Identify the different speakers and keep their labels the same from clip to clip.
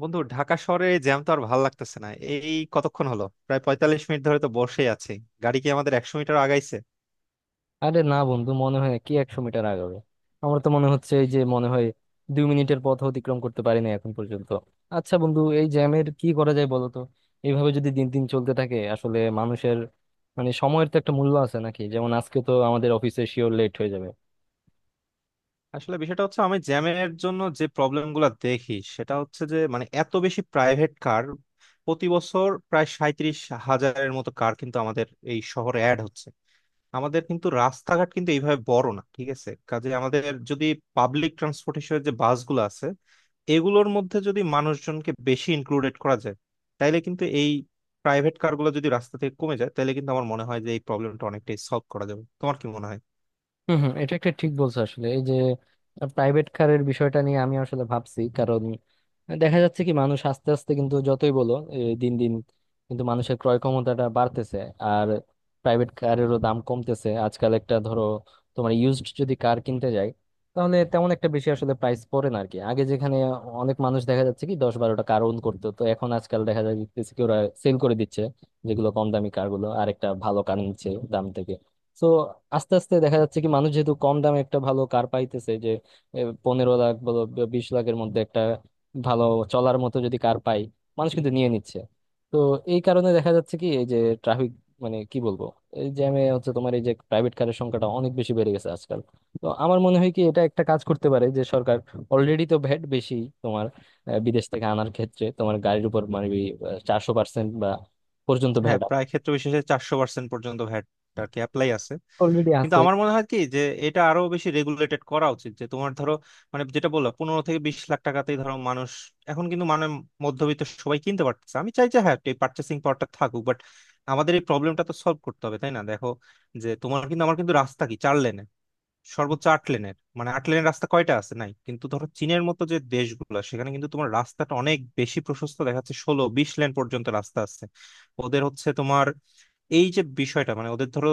Speaker 1: বন্ধু, ঢাকা শহরে জ্যাম তো আর ভালো লাগতেছে না। এই কতক্ষণ হলো, প্রায় 45 মিনিট ধরে তো বসেই আছি। গাড়ি কি আমাদের 100 মিটার আগাইছে?
Speaker 2: আরে না বন্ধু, মনে হয় কি 100 মিটার আগাবে। আমার তো মনে হচ্ছে এই যে মনে হয় 2 মিনিটের পথ অতিক্রম করতে পারি না এখন পর্যন্ত। আচ্ছা বন্ধু, এই জ্যামের কি করা যায় বলো তো? এইভাবে যদি দিন দিন চলতে থাকে, আসলে মানুষের মানে সময়ের তো একটা মূল্য আছে নাকি? যেমন আজকে তো আমাদের অফিসে শিওর লেট হয়ে যাবে।
Speaker 1: আসলে বিষয়টা হচ্ছে, আমি জ্যামের জন্য যে প্রবলেম গুলা দেখি, সেটা হচ্ছে যে মানে এত বেশি প্রাইভেট কার। প্রতি বছর প্রায় 37,000 মতো কার কিন্তু আমাদের এই শহরে অ্যাড হচ্ছে। আমাদের কিন্তু রাস্তাঘাট কিন্তু এইভাবে বড় না, ঠিক আছে? কাজে আমাদের যদি পাবলিক ট্রান্সপোর্টেশনের যে বাসগুলো আছে, এগুলোর মধ্যে যদি মানুষজনকে বেশি ইনক্লুডেড করা যায়, তাইলে কিন্তু এই প্রাইভেট কারগুলো যদি রাস্তা থেকে কমে যায়, তাহলে কিন্তু আমার মনে হয় যে এই প্রবলেমটা অনেকটাই সলভ করা যাবে। তোমার কি মনে হয়?
Speaker 2: হম হম এটা একটা ঠিক বলছো আসলে। এই যে প্রাইভেট কারের বিষয়টা নিয়ে আমি আসলে ভাবছি, কারণ দেখা যাচ্ছে কি মানুষ আস্তে আস্তে কিন্তু যতই বলো, এই দিন দিন কিন্তু মানুষের ক্রয় ক্ষমতাটা বাড়তেছে। আর প্রাইভেট কারেরও দাম কমতেছে আজকাল। একটা ধরো তোমার ইউজড যদি কার কিনতে যাই, তাহলে তেমন একটা বেশি আসলে প্রাইস পড়ে না আর কি। আগে যেখানে অনেক মানুষ দেখা যাচ্ছে কি 10-12টা কার ওন করতো, তো এখন আজকাল দেখা যাচ্ছে কি ওরা সেল করে দিচ্ছে যেগুলো কম দামি কারগুলো, আর একটা ভালো কার নিচ্ছে দাম থেকে। তো আস্তে আস্তে দেখা যাচ্ছে কি মানুষ যেহেতু কম দামে একটা ভালো কার পাইতেছে, যে 15 লাখ বলো 20 লাখের মধ্যে একটা ভালো চলার মতো যদি কার পাই, মানুষ কিন্তু নিয়ে নিচ্ছে। তো এই কারণে দেখা যাচ্ছে কি এই যে ট্রাফিক মানে কি বলবো, এই জ্যামে হচ্ছে তোমার এই যে প্রাইভেট কারের সংখ্যাটা অনেক বেশি বেড়ে গেছে আজকাল। তো আমার মনে হয় কি এটা একটা কাজ করতে পারে যে সরকার অলরেডি তো ভ্যাট বেশি, তোমার বিদেশ থেকে আনার ক্ষেত্রে তোমার গাড়ির উপর মানে 400% বা পর্যন্ত
Speaker 1: হ্যাঁ,
Speaker 2: ভ্যাট
Speaker 1: প্রায় ক্ষেত্র বিশেষে 400% পর্যন্ত ভ্যাট আর কি অ্যাপ্লাই আছে।
Speaker 2: অলরেডি
Speaker 1: কিন্তু
Speaker 2: আছে।
Speaker 1: আমার মনে হয় কি যে এটা আরো বেশি রেগুলেটেড করা উচিত। যে তোমার ধরো মানে যেটা বললাম, 15 থেকে 20 লাখ টাকাতেই ধরো মানুষ এখন কিন্তু মানে মধ্যবিত্ত সবাই কিনতে পারতেছে। আমি চাই যে হ্যাঁ, এই পার্চেসিং পাওয়ারটা থাকুক, বাট আমাদের এই প্রবলেমটা তো সলভ করতে হবে, তাই না? দেখো যে তোমার কিন্তু আমার কিন্তু রাস্তা কি 4 লেনের, সর্বোচ্চ 8 লেনের। মানে 8 লেনের রাস্তা কয়টা আছে? নাই। কিন্তু ধরো চীনের মতো যে দেশগুলো, সেখানে কিন্তু তোমার রাস্তাটা অনেক বেশি প্রশস্ত দেখাচ্ছে, 16-20 লেন পর্যন্ত রাস্তা আছে। ওদের হচ্ছে তোমার এই যে বিষয়টা, মানে ওদের ধরো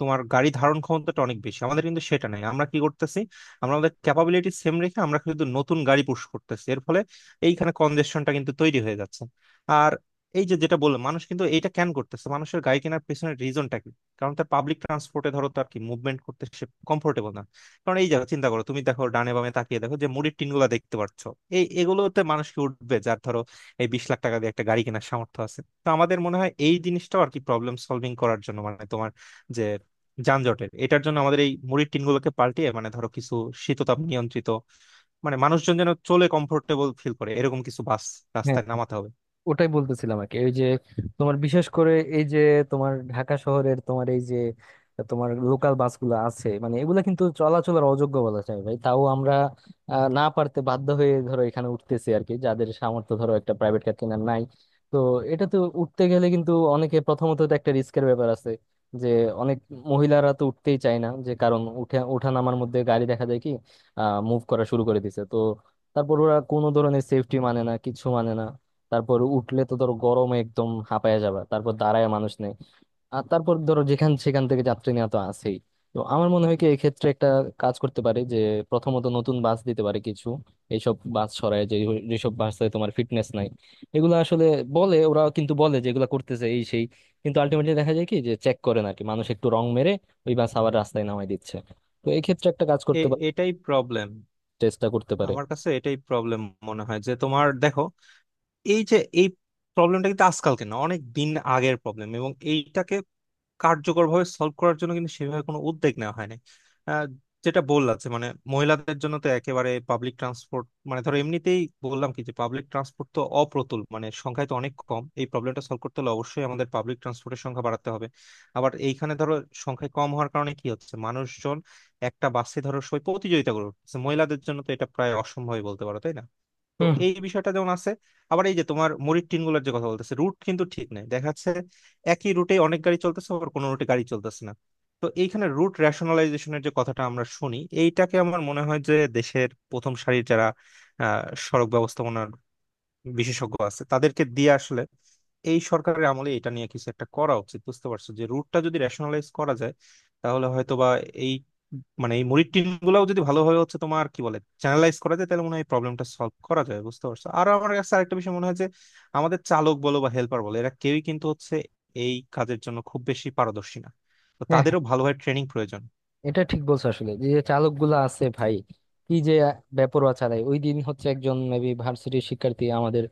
Speaker 1: তোমার গাড়ি ধারণ ক্ষমতাটা অনেক বেশি। আমাদের কিন্তু সেটা নাই। আমরা কি করতেছি, আমরা আমাদের ক্যাপাবিলিটি সেম রেখে আমরা কিন্তু নতুন গাড়ি পুশ করতেছি। এর ফলে এইখানে কনজেশনটা কিন্তু তৈরি হয়ে যাচ্ছে। আর এই যে যেটা বললাম, মানুষ কিন্তু এইটা কেন করতেছে, মানুষের গাড়ি কেনার পেছনের রিজনটা কি? কারণ তার পাবলিক ট্রান্সপোর্টে ধরো তার কি মুভমেন্ট করতে সে কমফোর্টেবল না। কারণ এই জায়গা চিন্তা করো, তুমি দেখো, ডানে বামে তাকিয়ে দেখো যে মুড়ির টিনগুলো দেখতে পাচ্ছ, এই এগুলোতে মানুষ কি উঠবে যার ধরো এই 20 লাখ টাকা দিয়ে একটা গাড়ি কেনার সামর্থ্য আছে? তো আমাদের মনে হয় এই জিনিসটাও আর কি প্রবলেম সলভিং করার জন্য, মানে তোমার যে যানজটের, এটার জন্য আমাদের এই মুড়ির টিনগুলোকে পাল্টিয়ে মানে ধরো কিছু শীততাপ নিয়ন্ত্রিত মানে মানুষজন যেন চলে কমফোর্টেবল ফিল করে এরকম কিছু বাস
Speaker 2: হ্যাঁ,
Speaker 1: রাস্তায় নামাতে হবে।
Speaker 2: ওটাই বলতেছিলাম আর কি। ওই যে তোমার বিশেষ করে এই যে তোমার ঢাকা শহরের তোমার এই যে তোমার লোকাল বাসগুলো আছে, মানে এগুলা কিন্তু চলাচলের অযোগ্য বলা যায় ভাই। তাও আমরা না পারতে বাধ্য হয়ে ধরো এখানে উঠতেছি আর কি, যাদের সামর্থ্য ধরো একটা প্রাইভেট কার কেনার নাই। তো এটা তো উঠতে গেলে কিন্তু অনেকে প্রথমত তো একটা রিস্কের ব্যাপার আছে, যে অনেক মহিলারা তো উঠতেই চায় না, যে কারণ উঠে ওঠা নামার মধ্যে গাড়ি দেখা যায় কি আহ মুভ করা শুরু করে দিছে। তো তারপর ওরা কোনো ধরনের সেফটি মানে না, কিছু মানে না। তারপর উঠলে তো ধরো গরমে একদম হাঁপায়া যাবে, তারপর দাঁড়ায় মানুষ নেই। আর তারপর ধরো যেখান সেখান থেকে যাত্রী নেওয়া তো আছেই। তো আমার মনে হয় কি এক্ষেত্রে একটা কাজ করতে পারে, যে প্রথমত নতুন বাস দিতে পারে কিছু, এইসব বাস সরায় যে যেসব বাসে তোমার ফিটনেস নাই এগুলো আসলে। বলে ওরা কিন্তু বলে যে এগুলো করতেছে এই সেই, কিন্তু আলটিমেটলি দেখা যায় কি যে চেক করে না আর কি, মানুষ একটু রং মেরে ওই বাস আবার রাস্তায় নামায় দিচ্ছে। তো এই ক্ষেত্রে একটা কাজ করতে
Speaker 1: এ-
Speaker 2: পারে,
Speaker 1: এটাই প্রবলেম,
Speaker 2: চেষ্টা করতে পারে।
Speaker 1: আমার কাছে এটাই প্রবলেম মনে হয়। যে তোমার দেখো এই যে এই প্রবলেমটা কিন্তু আজকালকে না, অনেক দিন আগের প্রবলেম, এবং এইটাকে কার্যকরভাবে সলভ করার জন্য কিন্তু সেভাবে কোনো উদ্যোগ নেওয়া হয়নি। আহ, যেটা বললাম যে মানে মহিলাদের জন্য তো একেবারে পাবলিক ট্রান্সপোর্ট, মানে ধরো এমনিতেই বললাম কি যে পাবলিক ট্রান্সপোর্ট তো অপ্রতুল, মানে সংখ্যায় তো অনেক কম। এই প্রবলেমটা সলভ করতে হলে অবশ্যই আমাদের পাবলিক ট্রান্সপোর্টের সংখ্যা বাড়াতে হবে। আবার এইখানে ধরো সংখ্যায় কম হওয়ার কারণে কি হচ্ছে, মানুষজন একটা বাসে ধরো সবাই প্রতিযোগিতা করে উঠছে। মহিলাদের জন্য তো এটা প্রায় অসম্ভবই বলতে পারো, তাই না? তো
Speaker 2: হুম।
Speaker 1: এই বিষয়টা যেমন আছে, আবার এই যে তোমার মুড়ির টিন গুলোর যে কথা বলতেছে, রুট কিন্তু ঠিক নাই দেখা যাচ্ছে। একই রুটে অনেক গাড়ি চলতেছে, আবার কোনো রুটে গাড়ি চলতেছে না। তো এইখানে রুট রেশনালাইজেশনের যে কথাটা আমরা শুনি, এইটাকে আমার মনে হয় যে দেশের প্রথম সারির যারা আহ সড়ক ব্যবস্থাপনার বিশেষজ্ঞ আছে, তাদেরকে দিয়ে আসলে এই সরকারের আমলে এটা নিয়ে কিছু একটা করা উচিত। বুঝতে পারছো? যে রুটটা যদি রেশনালাইজ করা যায়, তাহলে হয়তো বা এই মানে এই মুরির টিন গুলাও যদি ভালোভাবে হচ্ছে তোমার কি বলে চ্যানেলাইজ করা যায়, তাহলে মনে হয় প্রবলেমটা সলভ করা যায়। বুঝতে পারছো? আর আমার কাছে আরেকটা বিষয় মনে হয় যে আমাদের চালক বলো বা হেল্পার বলো, এরা কেউই কিন্তু হচ্ছে এই কাজের জন্য খুব বেশি পারদর্শী না। তো
Speaker 2: হ্যাঁ,
Speaker 1: তাদেরও ভালোভাবে ট্রেনিং প্রয়োজন।
Speaker 2: এটা ঠিক বলছো আসলে, যে চালক গুলা আছে ভাই, কি যে বেপরোয়া চালায়। ওই দিন হচ্ছে একজন মেবি ভার্সিটির শিক্ষার্থী আমাদের,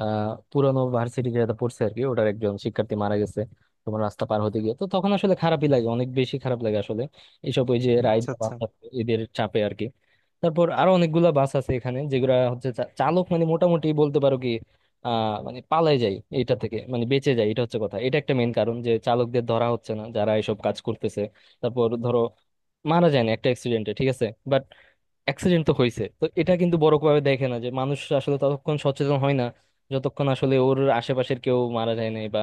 Speaker 2: আহ পুরানো ভার্সিটি যেটা পড়ছে আর কি, ওটার একজন শিক্ষার্থী মারা গেছে তোমার রাস্তা পার হতে গিয়ে। তো তখন আসলে খারাপই লাগে, অনেক বেশি খারাপ লাগে আসলে এইসব ওই যে রাইড
Speaker 1: আচ্ছা, আচ্ছা।
Speaker 2: এদের চাপে আর কি। তারপর আরো অনেকগুলা বাস আছে এখানে যেগুলা হচ্ছে চালক, মানে মোটামুটি বলতে পারো কি আহ মানে পালাই যায় এটা থেকে, মানে বেঁচে যায়। এটা হচ্ছে কথা, এটা একটা মেইন কারণ যে চালকদের ধরা হচ্ছে না যারা এসব কাজ করতেছে। তারপর ধরো মারা যায় না একটা অ্যাক্সিডেন্টে, ঠিক আছে, বাট অ্যাক্সিডেন্ট তো হয়েছে। তো এটা কিন্তু বড় ভাবে দেখে না যে মানুষ, আসলে ততক্ষণ সচেতন হয় না যতক্ষণ আসলে ওর আশেপাশের কেউ মারা যায় নাই বা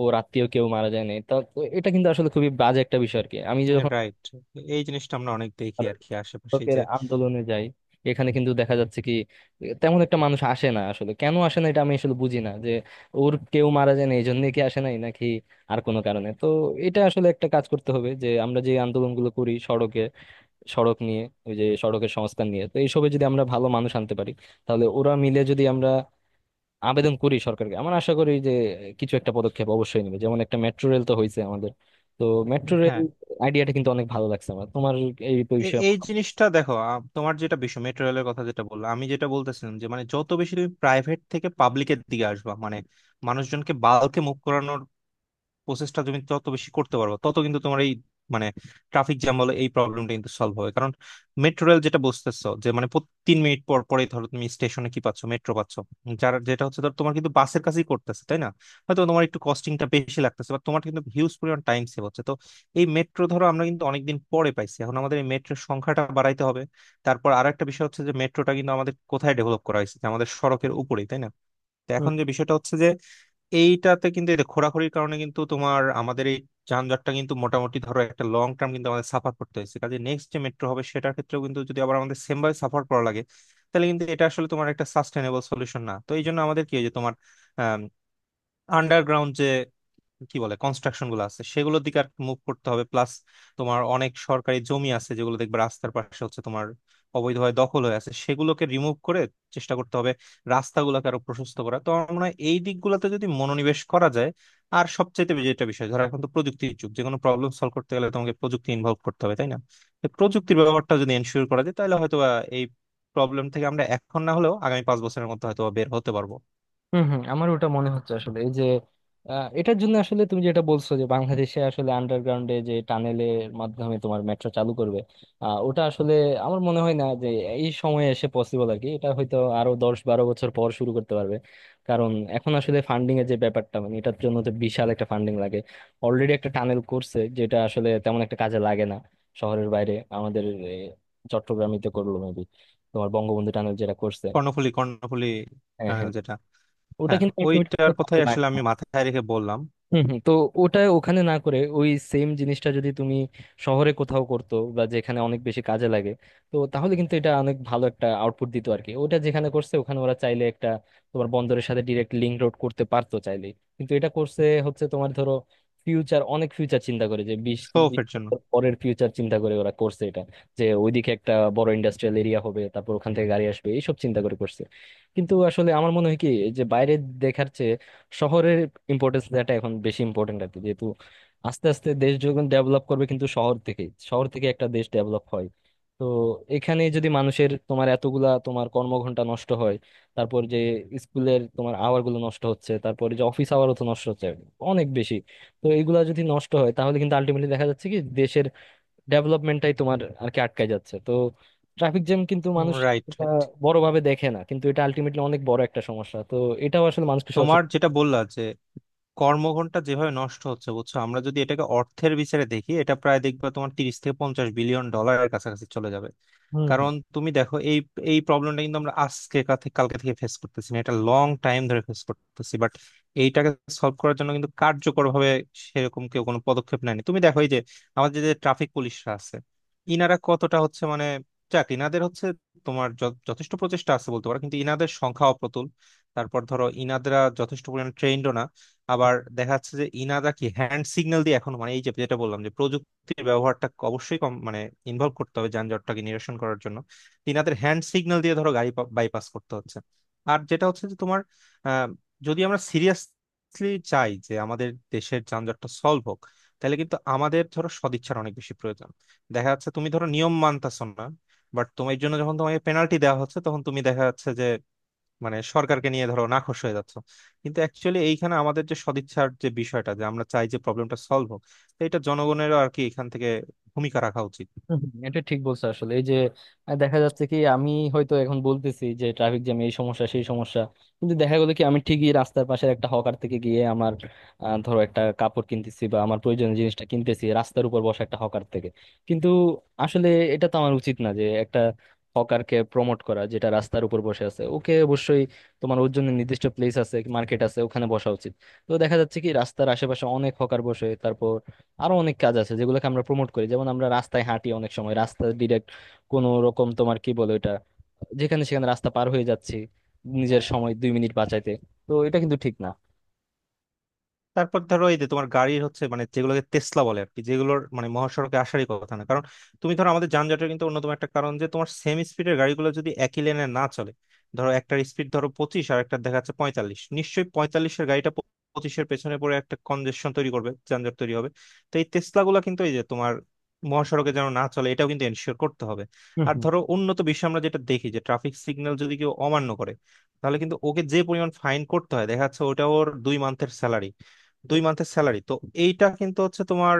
Speaker 2: ওর আত্মীয় কেউ মারা যায় নাই। তা তো এটা কিন্তু আসলে খুবই বাজে একটা বিষয় আর কি। আমি যখন
Speaker 1: রাইট। এই জিনিসটা আমরা অনেক দেখি
Speaker 2: আর
Speaker 1: আর কি আশেপাশে
Speaker 2: শিক্ষকের
Speaker 1: যে।
Speaker 2: আন্দোলনে যাই, এখানে কিন্তু দেখা যাচ্ছে কি তেমন একটা মানুষ আসে না। আসলে কেন আসে না এটা আমি আসলে বুঝি না, যে ওর কেউ মারা যায় না এই জন্য কি আসে নাই নাকি আর কোনো কারণে। তো এটা আসলে একটা কাজ করতে হবে, যে আমরা যে আন্দোলনগুলো করি সড়কে, সড়ক নিয়ে, ওই যে সড়কের সংস্কার নিয়ে, তো এইসবে যদি আমরা ভালো মানুষ আনতে পারি, তাহলে ওরা মিলে যদি আমরা আবেদন করি সরকারকে, আমার আশা করি যে কিছু একটা পদক্ষেপ অবশ্যই নেবে। যেমন একটা মেট্রো রেল তো হয়েছে আমাদের। তো মেট্রো রেল
Speaker 1: হ্যাঁ।
Speaker 2: আইডিয়াটা কিন্তু অনেক ভালো লাগছে আমার, তোমার এই
Speaker 1: এ-
Speaker 2: বিষয়ে।
Speaker 1: এই জিনিসটা দেখো, তোমার যেটা বিষয় মেট্রো রেলের কথা যেটা বললো, আমি যেটা বলতেছিলাম যে মানে যত বেশি তুমি প্রাইভেট থেকে পাবলিকের দিকে আসবা, মানে মানুষজনকে বাল্কে মুভ করানোর প্রসেসটা তুমি যত বেশি করতে পারবে, তত কিন্তু তোমার এই মানে ট্রাফিক জ্যাম বলে এই প্রবলেমটা কিন্তু সলভ হবে। কারণ মেট্রো রেল যেটা বুঝতেছো যে মানে প্রতি 3 মিনিট পর পরে ধরো তুমি স্টেশনে কি পাচ্ছ, মেট্রো পাচ্ছ। যার যেটা হচ্ছে, ধর তোমার কিন্তু বাসের কাছেই করতেছে, তাই না? হয়তো তোমার একটু কস্টিংটা বেশি লাগতেছে, বা তোমার কিন্তু হিউজ পরিমাণ টাইম সেভ হচ্ছে। তো এই মেট্রো ধরো আমরা কিন্তু অনেকদিন পরে পাইছি, এখন আমাদের এই মেট্রোর সংখ্যাটা বাড়াইতে হবে। তারপর আর একটা বিষয় হচ্ছে যে মেট্রোটা কিন্তু আমাদের কোথায় ডেভেলপ করা হয়েছে, যে আমাদের সড়কের উপরেই, তাই না? তো এখন যে বিষয়টা হচ্ছে যে এইটাতে কিন্তু এই যে খোরাখুরির কারণে কিন্তু তোমার আমাদের এই যানজটটা কিন্তু মোটামুটি ধরো একটা লং টার্ম কিন্তু আমাদের সাফার করতে হয়েছে। কাজে নেক্সট যে মেট্রো হবে সেটার ক্ষেত্রেও কিন্তু যদি আবার আমাদের সেম ভাবে সাফার করা লাগে, তাহলে কিন্তু এটা আসলে তোমার একটা সাস্টেনেবল সলিউশন না। তো এই জন্য আমাদের কি হয় যে তোমার আন্ডারগ্রাউন্ড যে কি বলে কনস্ট্রাকশন গুলো আছে, সেগুলোর দিকে আর মুভ করতে হবে। প্লাস তোমার অনেক সরকারি জমি আছে যেগুলো দেখবে রাস্তার পাশে হচ্ছে তোমার অবৈধভাবে দখল হয়ে আছে, সেগুলোকে রিমুভ করে চেষ্টা করতে হবে রাস্তাগুলোকে আরো প্রশস্ত করা। তো আমার মনে হয় এই দিকগুলোতে যদি মনোনিবেশ করা যায়, আর সবচেয়ে যেটা বিষয় ধরো এখন তো প্রযুক্তির যুগ, যে কোনো প্রবলেম সলভ করতে গেলে তোমাকে প্রযুক্তি ইনভলভ করতে হবে, তাই না? তো প্রযুক্তির ব্যবহারটা যদি এনশিওর করা যায়, তাহলে হয়তো বা এই প্রবলেম থেকে আমরা এখন না হলেও আগামী 5 বছরের মধ্যে হয়তো বা বের হতে পারবো।
Speaker 2: হম হম, আমার ওটা মনে হচ্ছে আসলে এই যে, আহ, এটার জন্য আসলে তুমি যেটা বলছো যে বাংলাদেশে আসলে আন্ডারগ্রাউন্ডে যে টানেলের মাধ্যমে তোমার মেট্রো চালু করবে, আহ, ওটা আসলে আমার মনে হয় না যে এই সময়ে এসে পসিবল আর কি। এটা হয়তো আরো 10-12 বছর পর শুরু করতে পারবে, কারণ এখন আসলে ফান্ডিং এর যে ব্যাপারটা, মানে এটার জন্য তো বিশাল একটা ফান্ডিং লাগে। অলরেডি একটা টানেল করছে যেটা আসলে তেমন একটা কাজে লাগে না, শহরের বাইরে আমাদের, এ, চট্টগ্রামই তো করলো মেবি, তোমার বঙ্গবন্ধু টানেল যেটা করছে।
Speaker 1: কর্ণফুলী, কর্ণফুলী
Speaker 2: হ্যাঁ,
Speaker 1: টানেল
Speaker 2: হ্যাঁ,
Speaker 1: যেটা।
Speaker 2: ওটা
Speaker 1: হ্যাঁ,
Speaker 2: কিন্তু
Speaker 1: ওইটার কথাই আসলে
Speaker 2: ultimately,
Speaker 1: আমি মাথায় রেখে বললাম।
Speaker 2: হুম হুম। তো ওটা ওখানে না করে ওই সেম জিনিসটা যদি তুমি শহরে কোথাও করতো বা যেখানে অনেক বেশি কাজে লাগে, তো তাহলে কিন্তু এটা অনেক ভালো একটা আউটপুট দিত আর কি। ওটা যেখানে করছে ওখানে ওরা চাইলে একটা তোমার বন্দরের সাথে ডিরেক্ট লিঙ্ক রোড করতে পারতো চাইলে, কিন্তু এটা করছে হচ্ছে তোমার ধরো ফিউচার, অনেক ফিউচার চিন্তা করে, যে বিশ
Speaker 1: শো
Speaker 2: তিরিশ
Speaker 1: অফের জন্য।
Speaker 2: বছর পরের ফিউচার চিন্তা করে ওরা করছে এটা, যে ওইদিকে একটা বড় ইন্ডাস্ট্রিয়াল এরিয়া হবে, তারপর ওখান থেকে গাড়ি আসবে, এইসব চিন্তা করে করছে। কিন্তু আসলে আমার মনে হয় কি, যে বাইরে দেখার চেয়ে শহরের ইম্পর্টেন্স দেওয়াটা এখন বেশি ইম্পর্টেন্ট আর কি, যেহেতু আস্তে আস্তে দেশ যখন ডেভেলপ করবে, কিন্তু শহর থেকে, শহর থেকে একটা দেশ ডেভেলপ হয়। তো এখানে যদি মানুষের তোমার এতগুলা তোমার কর্মঘন্টা নষ্ট হয়, তারপর যে স্কুলের তোমার আওয়ার গুলো নষ্ট হচ্ছে, তারপর যে অফিস আওয়ারও তো নষ্ট হচ্ছে অনেক বেশি, তো এইগুলা যদি নষ্ট হয়, তাহলে কিন্তু আলটিমেটলি দেখা যাচ্ছে কি দেশের ডেভেলপমেন্টটাই তোমার আর কি আটকায় যাচ্ছে। তো ট্রাফিক জ্যাম কিন্তু মানুষ
Speaker 1: রাইট, রাইট।
Speaker 2: বড় ভাবে দেখে না, কিন্তু এটা আলটিমেটলি অনেক বড় একটা সমস্যা। তো এটাও আসলে মানুষকে
Speaker 1: তোমার যেটা বললা যে কর্মঘন্টা যেভাবে নষ্ট হচ্ছে, বুঝছো, আমরা যদি এটাকে অর্থের বিচারে দেখি, এটা প্রায় দেখবে তোমার 30 থেকে 50 বিলিয়ন ডলারের কাছাকাছি চলে যাবে।
Speaker 2: সচেতন।
Speaker 1: কারণ তুমি দেখো এই এই প্রবলেমটা কিন্তু আমরা আজকে কালকে থেকে ফেস করতেছি না, এটা লং টাইম ধরে ফেস করতেছি। বাট এইটাকে সলভ করার জন্য কিন্তু কার্যকরভাবে সেরকম কেউ কোনো পদক্ষেপ নেয়নি। তুমি দেখো এই যে আমাদের যে ট্রাফিক পুলিশরা আছে, ইনারা কতটা হচ্ছে মানে, যাক, ইনাদের হচ্ছে তোমার যথেষ্ট প্রচেষ্টা আছে বলতে পারো, কিন্তু ইনাদের সংখ্যা অপ্রতুল। তারপর ধরো ইনাদরা যথেষ্ট পরিমাণে ট্রেন্ডও না। আবার দেখা যাচ্ছে যে ইনাদা কি হ্যান্ড সিগন্যাল দিয়ে এখন, মানে এই যে যেটা বললাম যে প্রযুক্তির ব্যবহারটা অবশ্যই কম, মানে ইনভলভ করতে হবে যানজটটাকে নিরসন করার জন্য। তো ইনাদের হ্যান্ড সিগন্যাল দিয়ে ধরো গাড়ি বাইপাস করতে হচ্ছে। আর যেটা হচ্ছে যে তোমার আহ, যদি আমরা সিরিয়াসলি চাই যে আমাদের দেশের যানজটটা সলভ হোক, তাহলে কিন্তু আমাদের ধরো সদিচ্ছার অনেক বেশি প্রয়োজন। দেখা যাচ্ছে তুমি ধরো নিয়ম মানতাছো না, বাট তোমার জন্য যখন তোমাকে পেনাল্টি দেওয়া হচ্ছে, তখন তুমি দেখা যাচ্ছে যে মানে সরকারকে নিয়ে ধরো নাখোশ হয়ে যাচ্ছ। কিন্তু অ্যাকচুয়ালি এইখানে আমাদের যে সদিচ্ছার যে বিষয়টা, যে আমরা চাই যে প্রবলেমটা সলভ হোক, তো এটা জনগণেরও আর কি এখান থেকে ভূমিকা রাখা উচিত।
Speaker 2: হুম হুম, এটা ঠিক বলছো আসলে এই যে, আহ, দেখা যাচ্ছে কি আমি হয়তো এখন বলতেছি যে ট্রাফিক জ্যাম এই সমস্যা সেই সমস্যা, কিন্তু দেখা গেলো কি আমি ঠিকই রাস্তার পাশের একটা হকার থেকে গিয়ে আমার আহ, ধরো একটা কাপড় কিনতেছি বা আমার প্রয়োজনীয় জিনিসটা কিনতেছি রাস্তার উপর বসা একটা হকার থেকে। কিন্তু আসলে এটা তো আমার উচিত না, যে একটা হকারকে প্রমোট করা যেটা রাস্তার উপর বসে আছে। ওকে অবশ্যই তোমার ওর জন্য নির্দিষ্ট প্লেস আছে, মার্কেট আছে, ওখানে বসা উচিত। তো দেখা যাচ্ছে কি রাস্তার আশেপাশে অনেক হকার বসে। তারপর আরো অনেক কাজ আছে যেগুলোকে আমরা প্রমোট করি, যেমন আমরা রাস্তায় হাঁটি অনেক সময়, রাস্তা ডিরেক্ট কোনো রকম তোমার কি বলে ওটা, যেখানে সেখানে রাস্তা পার হয়ে যাচ্ছি নিজের সময় 2 মিনিট বাঁচাইতে। তো এটা কিন্তু ঠিক না।
Speaker 1: তারপর ধরো এই যে তোমার গাড়ির হচ্ছে মানে যেগুলোকে টেসলা বলে আর কি, যেগুলোর মানে মহাসড়কে আসারই কথা না। কারণ তুমি ধরো আমাদের যানজটের কিন্তু অন্যতম একটা কারণ যে তোমার সেম স্পিডের গাড়িগুলো যদি একই লেনে না চলে। ধরো একটার স্পিড ধরো 25, আর একটা দেখা যাচ্ছে 45, নিশ্চয়ই 45-এর গাড়িটা 25-এর পেছনে পড়ে একটা কনজেশন তৈরি করবে, যানজট তৈরি হবে। তো এই টেসলা গুলা কিন্তু এই যে তোমার মহাসড়কে যেন না চলে, এটাও কিন্তু এনশিওর করতে হবে।
Speaker 2: হুম,
Speaker 1: আর
Speaker 2: হুম,
Speaker 1: ধরো উন্নত বিশ্বে আমরা যেটা দেখি যে ট্রাফিক সিগন্যাল যদি কেউ অমান্য করে, তাহলে কিন্তু ওকে যে পরিমাণ ফাইন করতে হয়, দেখা যাচ্ছে ওটা ওর 2 মান্থের স্যালারি, 2 মান্থের স্যালারি। তো এইটা কিন্তু হচ্ছে তোমার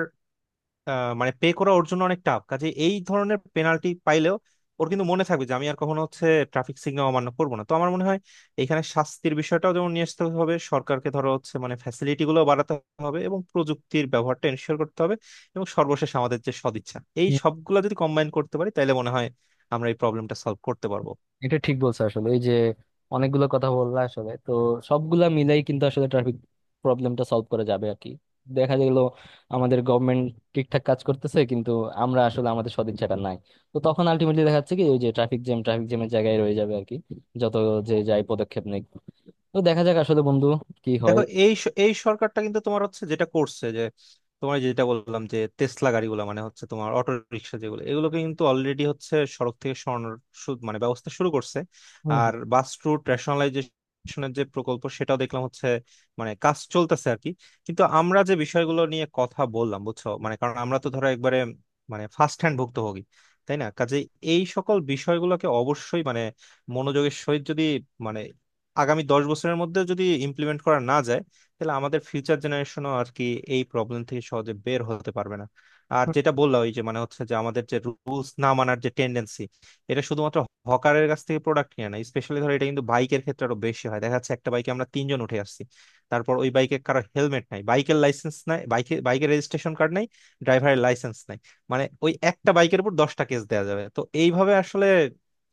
Speaker 1: মানে পে করা ওর জন্য অনেক টাফ। কাজে এই ধরনের পেনাল্টি পাইলেও ওর কিন্তু মনে থাকবে যে আমি আর কখনো হচ্ছে ট্রাফিক সিগন্যাল অমান্য করবো না। তো আমার মনে হয় এখানে শাস্তির বিষয়টাও যেমন নিয়ে আসতে হবে, সরকারকে ধরো হচ্ছে মানে ফ্যাসিলিটি গুলো বাড়াতে হবে, এবং প্রযুক্তির ব্যবহারটা এনশিওর করতে হবে, এবং সর্বশেষ আমাদের যে সদিচ্ছা, এই
Speaker 2: হুম।
Speaker 1: সবগুলো যদি কম্বাইন করতে পারি, তাহলে মনে হয় আমরা এই প্রবলেমটা সলভ করতে পারবো।
Speaker 2: এটা ঠিক বলছো আসলে এই যে, অনেকগুলো কথা বললা আসলে। তো সবগুলা মিলাই কিন্তু আসলে ট্রাফিক প্রবলেমটা সলভ করা যাবে আর কি। দেখা গেল আমাদের গভর্নমেন্ট ঠিকঠাক কাজ করতেছে, কিন্তু আমরা আসলে আমাদের সদিচ্ছাটা নাই। তো তখন আলটিমেটলি দেখা যাচ্ছে কি ওই যে ট্রাফিক জ্যাম ট্রাফিক জ্যামের জায়গায় রয়ে যাবে আর কি, যত যে যাই পদক্ষেপ নেই। তো দেখা যাক আসলে বন্ধু কি হয়।
Speaker 1: দেখো এই এই সরকারটা কিন্তু তোমার হচ্ছে যেটা করছে যে তোমার এই যেটা বললাম যে টেসলা গাড়িগুলো মানে হচ্ছে তোমার অটো রিক্সা যেগুলো, এগুলোকে কিন্তু অলরেডি হচ্ছে সড়ক থেকে সরানোর মানে ব্যবস্থা শুরু করছে।
Speaker 2: হুম
Speaker 1: আর
Speaker 2: হুম।
Speaker 1: বাস রুট রেশনালাইজেশনের যে প্রকল্প, সেটাও দেখলাম হচ্ছে মানে কাজ চলতেছে আর কি। কিন্তু আমরা যে বিষয়গুলো নিয়ে কথা বললাম, বুঝছো, মানে কারণ আমরা তো ধরো একবারে মানে ফার্স্ট হ্যান্ড ভুক্তভোগী, তাই না? কাজে এই সকল বিষয়গুলোকে অবশ্যই মানে মনোযোগের সহিত যদি মানে আগামী 10 বছরের মধ্যে যদি ইমপ্লিমেন্ট করা না যায়, তাহলে আমাদের ফিউচার জেনারেশনও আর কি এই প্রবলেম থেকে সহজে বের হতে পারবে না। আর যেটা বললাম, ওই যে মানে হচ্ছে যে আমাদের যে রুলস না মানার যে টেন্ডেন্সি, এটা শুধুমাত্র হকারের কাছ থেকে প্রোডাক্ট নিয়ে না, স্পেশালি ধরো এটা কিন্তু বাইকের ক্ষেত্রে আরো বেশি হয়। দেখা যাচ্ছে একটা বাইকে আমরা তিনজন উঠে আসছি, তারপর ওই বাইকে কারো হেলমেট নাই, বাইকের লাইসেন্স নাই, বাইকে বাইকের রেজিস্ট্রেশন কার্ড নাই, ড্রাইভারের লাইসেন্স নাই। মানে ওই একটা বাইকের উপর 10টা কেস দেওয়া যাবে। তো এইভাবে আসলে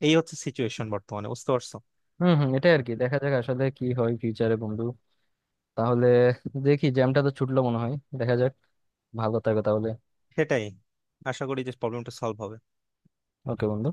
Speaker 1: এই হচ্ছে সিচুয়েশন বর্তমানে, বুঝতে পারছো?
Speaker 2: হম হম, এটাই আর কি, দেখা যাক আসলে কি হয় ফিউচারে বন্ধু। তাহলে দেখি জ্যামটা তো ছুটলো মনে হয়। দেখা যাক। ভালো থাকো তাহলে।
Speaker 1: সেটাই। আশা করি যে প্রবলেমটা সলভ হবে।
Speaker 2: ওকে বন্ধু।